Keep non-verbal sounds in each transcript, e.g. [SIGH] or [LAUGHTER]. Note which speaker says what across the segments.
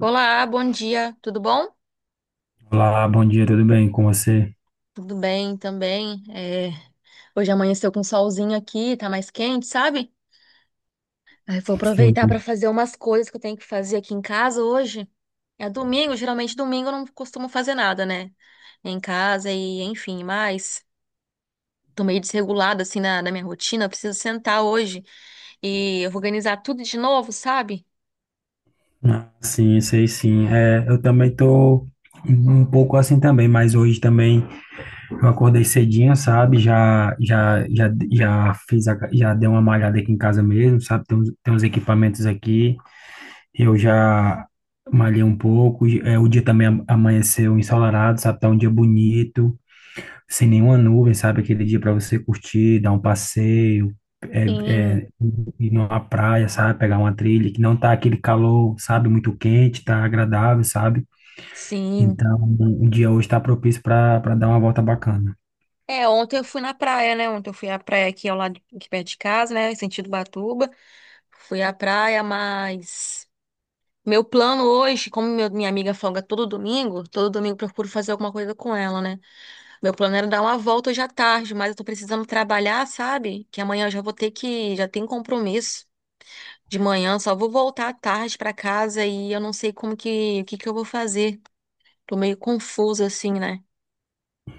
Speaker 1: Olá, bom dia, tudo bom?
Speaker 2: Olá, bom dia, tudo bem com você?
Speaker 1: Tudo bem também. Hoje amanheceu com solzinho aqui, tá mais quente, sabe? Aí vou
Speaker 2: Sim.
Speaker 1: aproveitar para fazer umas coisas que eu tenho que fazer aqui em casa hoje. É domingo, geralmente domingo eu não costumo fazer nada, né? Em casa e enfim, mas tô meio desregulada assim na minha rotina. Eu preciso sentar hoje e organizar tudo de novo, sabe?
Speaker 2: Ah, sim, sei sim. É, eu também tô um pouco assim também, mas hoje também eu acordei cedinho, sabe? Já fiz, já dei uma malhada aqui em casa mesmo, sabe? Tem uns equipamentos aqui, eu já malhei um pouco. É, o dia também amanheceu ensolarado, sabe? Tá um dia bonito, sem nenhuma nuvem, sabe? Aquele dia para você curtir, dar um passeio é, é,
Speaker 1: Sim,
Speaker 2: ir numa praia, sabe? Pegar uma trilha que não tá aquele calor, sabe? Muito quente, tá agradável, sabe?
Speaker 1: sim.
Speaker 2: Então, o dia hoje tá propício para dar uma volta bacana.
Speaker 1: É, ontem eu fui na praia, né? Ontem eu fui à praia aqui ao lado, aqui perto de casa, né? Em sentido Batuba. Fui à praia, mas meu plano hoje, como minha amiga folga todo domingo eu procuro fazer alguma coisa com ela, né? Meu plano era dar uma volta hoje à tarde, mas eu tô precisando trabalhar, sabe? Que amanhã eu já vou ter que, já tem compromisso de manhã, só vou voltar à tarde pra casa e eu não sei como que, o que que eu vou fazer. Tô meio confusa assim, né?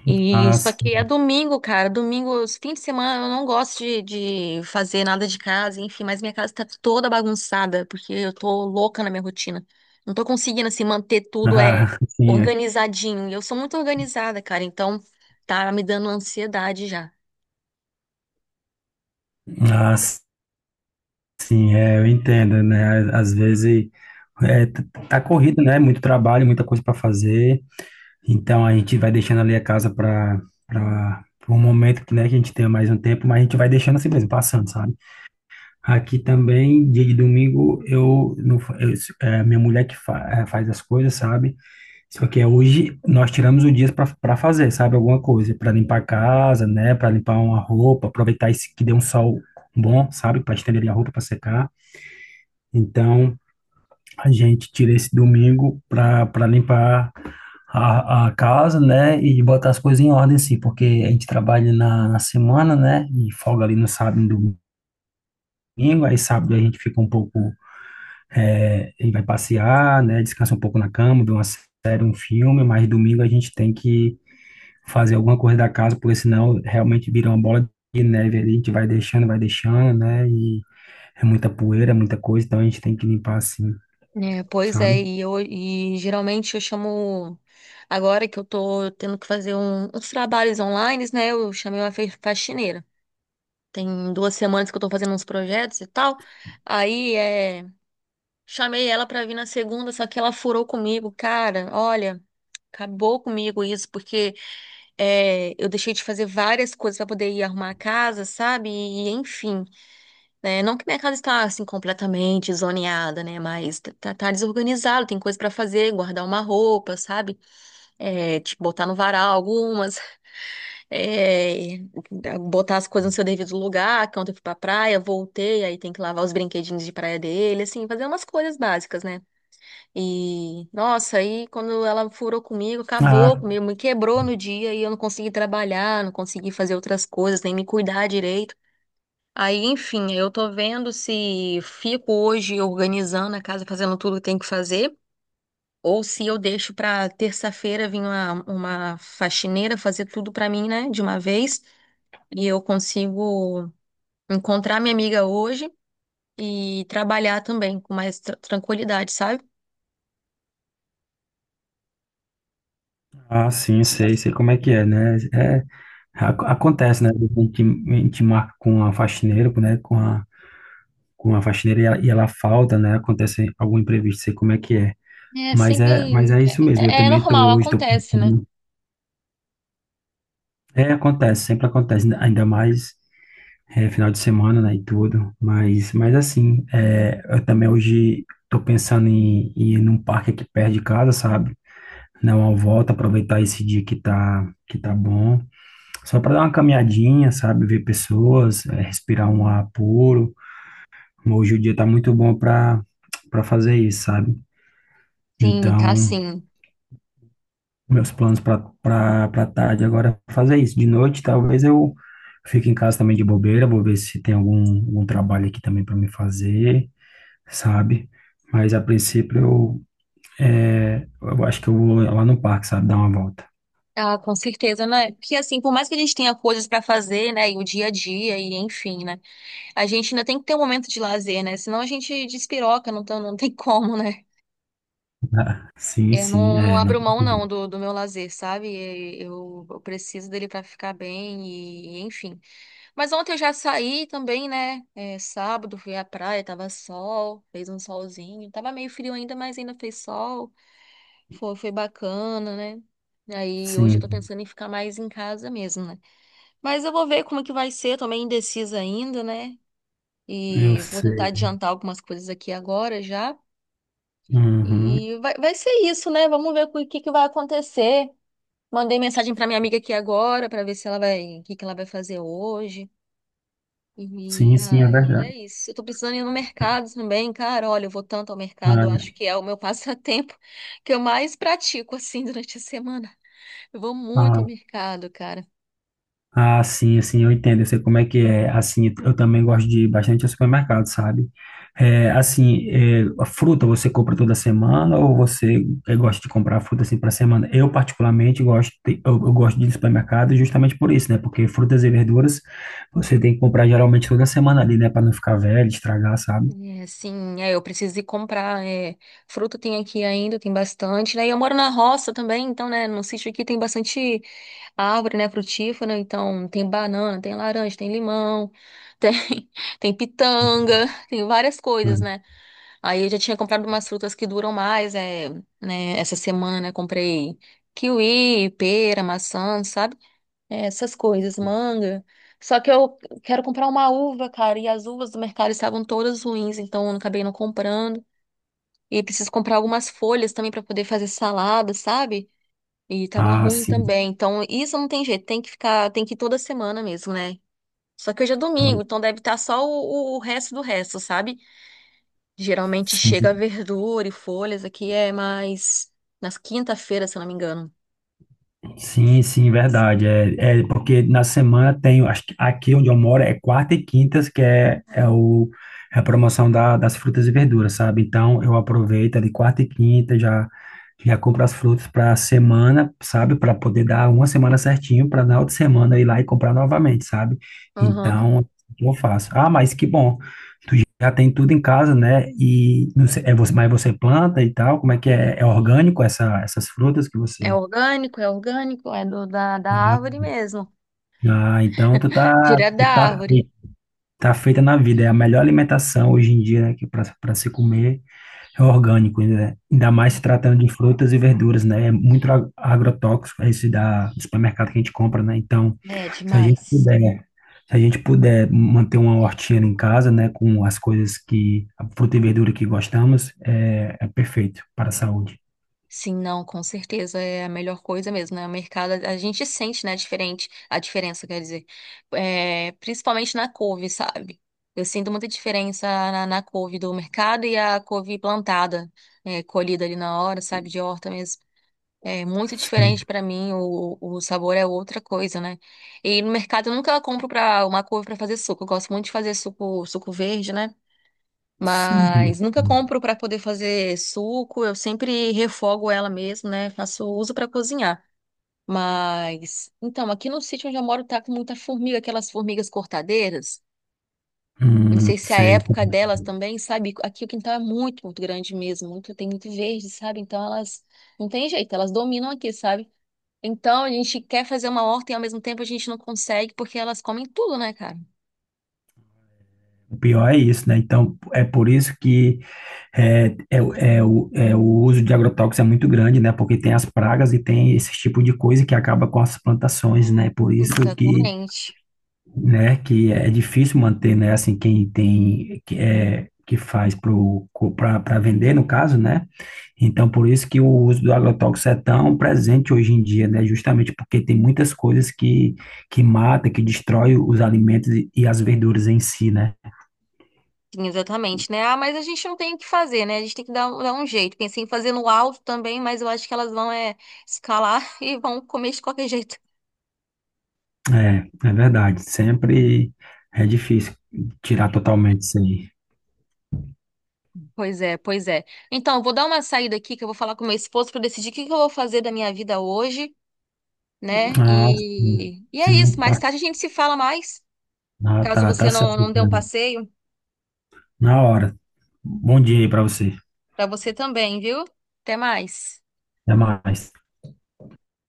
Speaker 1: E
Speaker 2: Ah,
Speaker 1: só que é
Speaker 2: sim.
Speaker 1: domingo, cara. Domingo, esse fim de semana, eu não gosto de fazer nada de casa, enfim, mas minha casa tá toda bagunçada, porque eu tô louca na minha rotina. Não tô conseguindo, assim, manter tudo
Speaker 2: Ah, [LAUGHS] sim, é.
Speaker 1: organizadinho. E eu sou muito organizada, cara, então tá me dando ansiedade já.
Speaker 2: Ah, sim, é, eu entendo, né? Às vezes é, t- tá corrido, né? Muito trabalho, muita coisa para fazer. Então a gente vai deixando ali a casa para um momento que, né, que a gente tenha mais um tempo, mas a gente vai deixando assim mesmo, passando, sabe? Aqui também, dia de domingo, eu, não, fa- eu é minha mulher que faz as coisas, sabe? Só que é hoje nós tiramos o dia para fazer, sabe? Alguma coisa, para limpar a casa, né? Para limpar uma roupa, aproveitar esse que deu um sol bom, sabe? Para estender a roupa para secar. Então, a gente tira esse domingo para limpar a casa, né? E botar as coisas em ordem, sim, porque a gente trabalha na semana, né? E folga ali no sábado e no domingo. Aí sábado a gente fica um pouco. É, ele vai passear, né? Descansa um pouco na cama, vê uma série, um filme, mas domingo a gente tem que fazer alguma coisa da casa, porque senão realmente vira uma bola de neve ali, a gente vai deixando, né? E é muita poeira, é muita coisa, então a gente tem que limpar assim,
Speaker 1: É, pois é,
Speaker 2: sabe?
Speaker 1: e eu geralmente eu chamo agora que eu tô tendo que fazer uns trabalhos online, né? Eu chamei uma faxineira. Tem duas semanas que eu tô fazendo uns projetos e tal. Aí é, Chamei ela pra vir na segunda, só que ela furou comigo, cara. Olha, acabou comigo isso, porque eu deixei de fazer várias coisas pra poder ir arrumar a casa, sabe? E, enfim, né? Não que minha casa está assim completamente zoneada, né? Mas tá desorganizado, tem coisa pra fazer, guardar uma roupa, sabe? É, tipo, botar no varal algumas é, botar as coisas no seu devido lugar, que ontem eu fui pra praia, voltei, aí tem que lavar os brinquedinhos de praia dele, assim, fazer umas coisas básicas, né? E, nossa, aí quando ela furou comigo, acabou
Speaker 2: Ah,
Speaker 1: comigo, me quebrou no dia e eu não consegui trabalhar, não consegui fazer outras coisas, nem me cuidar direito. Aí, enfim, eu tô vendo se fico hoje organizando a casa, fazendo tudo que tem que fazer, ou se eu deixo pra terça-feira vir uma faxineira fazer tudo pra mim, né, de uma vez. E eu consigo encontrar minha amiga hoje e trabalhar também com mais tranquilidade, sabe?
Speaker 2: ah, sim, sei, sei como é que é, né? É, acontece, né? A gente marca com a faxineira, né? Com a faxineira e e ela falta, né? Acontece algum imprevisto, sei como é que é.
Speaker 1: É
Speaker 2: Mas
Speaker 1: sempre.
Speaker 2: é, mas é isso mesmo. Eu
Speaker 1: É, é
Speaker 2: também tô,
Speaker 1: normal,
Speaker 2: hoje tô
Speaker 1: acontece, né?
Speaker 2: pensando. É, acontece, sempre acontece, ainda mais é, final de semana, né, e tudo. Mas assim, é, eu também hoje tô pensando em ir num parque aqui perto de casa, sabe? Dar uma volta, aproveitar esse dia que tá bom. Só para dar uma caminhadinha, sabe? Ver pessoas, é, respirar um ar puro. Hoje o dia tá muito bom para fazer isso, sabe?
Speaker 1: Sim, tá
Speaker 2: Então,
Speaker 1: sim.
Speaker 2: meus planos para tarde agora é fazer isso. De noite, talvez eu fique em casa também de bobeira, vou ver se tem algum trabalho aqui também para me fazer, sabe? Mas a princípio é, eu acho que eu vou lá no parque, sabe? Dar uma volta. [LAUGHS]
Speaker 1: Ah, com certeza, né? Porque assim, por mais que a gente tenha coisas pra fazer, né? E o dia a dia, e enfim, né? A gente ainda tem que ter um momento de lazer, né? Senão a gente despiroca, não, não tem [LAUGHS] como, né?
Speaker 2: Ah, sim,
Speaker 1: Eu
Speaker 2: sim,
Speaker 1: não, não
Speaker 2: é. Não.
Speaker 1: abro mão, não, do meu lazer, sabe? Eu preciso dele pra ficar bem, e enfim. Mas ontem eu já saí também, né? É, sábado fui à praia, tava sol, fez um solzinho. Tava meio frio ainda, mas ainda fez sol. Foi bacana, né? Aí hoje eu tô
Speaker 2: Sim,
Speaker 1: pensando em ficar mais em casa mesmo, né? Mas eu vou ver como é que vai ser, tô meio indecisa ainda, né?
Speaker 2: eu
Speaker 1: E vou tentar
Speaker 2: sei.
Speaker 1: adiantar algumas coisas aqui agora já.
Speaker 2: Uhum.
Speaker 1: E vai ser isso, né? Vamos ver o que que vai acontecer. Mandei mensagem pra minha amiga aqui agora pra ver se ela vai, o que que ela vai fazer hoje. E,
Speaker 2: Sim, sim, é
Speaker 1: ai, é
Speaker 2: verdade.
Speaker 1: isso. Eu tô precisando ir no mercado também, cara. Olha, eu vou tanto ao mercado, eu acho que é o meu [LAUGHS] passatempo que eu mais pratico, assim, durante a semana. Eu vou muito ao
Speaker 2: Ah,
Speaker 1: mercado, cara.
Speaker 2: ah, sim, assim, eu entendo, eu sei como é que é. Assim, eu também gosto de ir bastante ao supermercado, sabe? É, assim, é, a fruta você compra toda semana ou você é, gosta de comprar fruta assim para semana? Eu particularmente gosto, eu gosto de ir ao supermercado justamente por isso, né? Porque frutas e verduras você tem que comprar geralmente toda semana ali, né? Para não ficar velho, estragar, sabe?
Speaker 1: É, assim, é, eu preciso ir comprar. É, fruta tem aqui ainda, tem bastante. Daí eu moro na roça também, então, né, no sítio aqui tem bastante árvore, né, frutífera. Então, tem banana, tem laranja, tem limão, tem, [LAUGHS] tem pitanga, tem várias coisas,
Speaker 2: Hum.
Speaker 1: né? Aí eu já tinha comprado umas frutas que duram mais, é, né? Essa semana eu comprei kiwi, pera, maçã, sabe? É, essas coisas, manga. Só que eu quero comprar uma uva, cara, e as uvas do mercado estavam todas ruins, então eu acabei não comprando. E preciso comprar algumas folhas também para poder fazer salada, sabe? E tava
Speaker 2: Ah,
Speaker 1: ruim
Speaker 2: sim.
Speaker 1: também. Então, isso não tem jeito, tem que ficar, tem que ir toda semana mesmo, né? Só que hoje é domingo, então deve estar só o resto do resto, sabe? Geralmente chega
Speaker 2: Sim.
Speaker 1: verdura e folhas, aqui é mais nas quinta-feiras, se eu não me engano.
Speaker 2: Sim, sim, verdade. É, é porque na semana tem, acho que aqui onde eu moro é quarta e quintas, que é, é, é a promoção das frutas e verduras, sabe? Então eu aproveito de quarta e quinta, já, já compro as frutas para a semana, sabe? Para poder dar uma semana certinho, para na outra semana ir lá e comprar novamente, sabe?
Speaker 1: Uhum.
Speaker 2: Então eu faço. Ah, mas que bom, já tem tudo em casa, né? E não sei, é você, mas você planta e tal? Como é que é? É orgânico essa, essas frutas que
Speaker 1: É
Speaker 2: você.
Speaker 1: orgânico, é orgânico, é da árvore mesmo.
Speaker 2: Ah, então tu
Speaker 1: Direto
Speaker 2: tu
Speaker 1: da
Speaker 2: tá,
Speaker 1: árvore.
Speaker 2: fei- tá feita na vida. É a melhor alimentação hoje em dia, né, que para se comer é orgânico, né? Ainda mais se tratando de frutas e verduras, né? É muito agrotóxico é esse da do supermercado que a gente compra, né? Então,
Speaker 1: É
Speaker 2: se a gente
Speaker 1: demais.
Speaker 2: puder, se a gente puder manter uma hortinha em casa, né, com as coisas que a fruta e verdura que gostamos, é, é perfeito para a saúde.
Speaker 1: Sim, não, com certeza é a melhor coisa mesmo, né? O mercado, a gente sente, né, diferente, a diferença, quer dizer, é, principalmente na couve, sabe? Eu sinto muita diferença na couve do mercado e a couve plantada, é, colhida ali na hora, sabe, de horta mesmo. É muito
Speaker 2: Sim.
Speaker 1: diferente pra mim, o sabor é outra coisa, né? E no mercado eu nunca compro pra uma couve pra fazer suco. Eu gosto muito de fazer suco, suco verde, né?
Speaker 2: Sim.
Speaker 1: Mas nunca compro pra poder fazer suco. Eu sempre refogo ela mesmo, né? Faço uso pra cozinhar. Mas então, aqui no sítio onde eu moro tá com muita formiga, aquelas formigas cortadeiras. Não sei se é a
Speaker 2: Sei.
Speaker 1: época delas também, sabe? Aqui o quintal é muito grande mesmo, muito tem muito verde, sabe? Então elas não tem jeito, elas dominam aqui, sabe? Então, a gente quer fazer uma horta e ao mesmo tempo a gente não consegue porque elas comem tudo, né, cara?
Speaker 2: O pior é isso, né? Então, é por isso que é, é, é, o uso de agrotóxicos é muito grande, né? Porque tem as pragas e tem esse tipo de coisa que acaba com as plantações, né? Por isso que,
Speaker 1: Exatamente.
Speaker 2: né, que é difícil manter, né? Assim, quem tem, que, é, que faz para vender, no caso, né? Então, por isso que o uso do agrotóxico é tão presente hoje em dia, né? Justamente porque tem muitas coisas que mata, que destrói os alimentos e as verduras em si, né?
Speaker 1: Sim, exatamente, né? Ah, mas a gente não tem o que fazer, né? A gente tem que dar, dar um jeito. Pensei em fazer no alto também, mas eu acho que elas vão é, escalar [LAUGHS] e vão comer de qualquer jeito.
Speaker 2: É, é verdade. Sempre é difícil tirar totalmente isso aí.
Speaker 1: Pois é, pois é. Então, eu vou dar uma saída aqui que eu vou falar com meu esposo para decidir o que que eu vou fazer da minha vida hoje, né?
Speaker 2: Ah, sim.
Speaker 1: E é isso.
Speaker 2: Sim,
Speaker 1: Mais
Speaker 2: tá.
Speaker 1: tarde a gente se fala mais.
Speaker 2: Ah,
Speaker 1: Caso
Speaker 2: tá, tá
Speaker 1: você não,
Speaker 2: certo,
Speaker 1: não dê um
Speaker 2: cara.
Speaker 1: passeio,
Speaker 2: Na hora. Bom dia aí pra você.
Speaker 1: para você também, viu? Até mais.
Speaker 2: Até mais.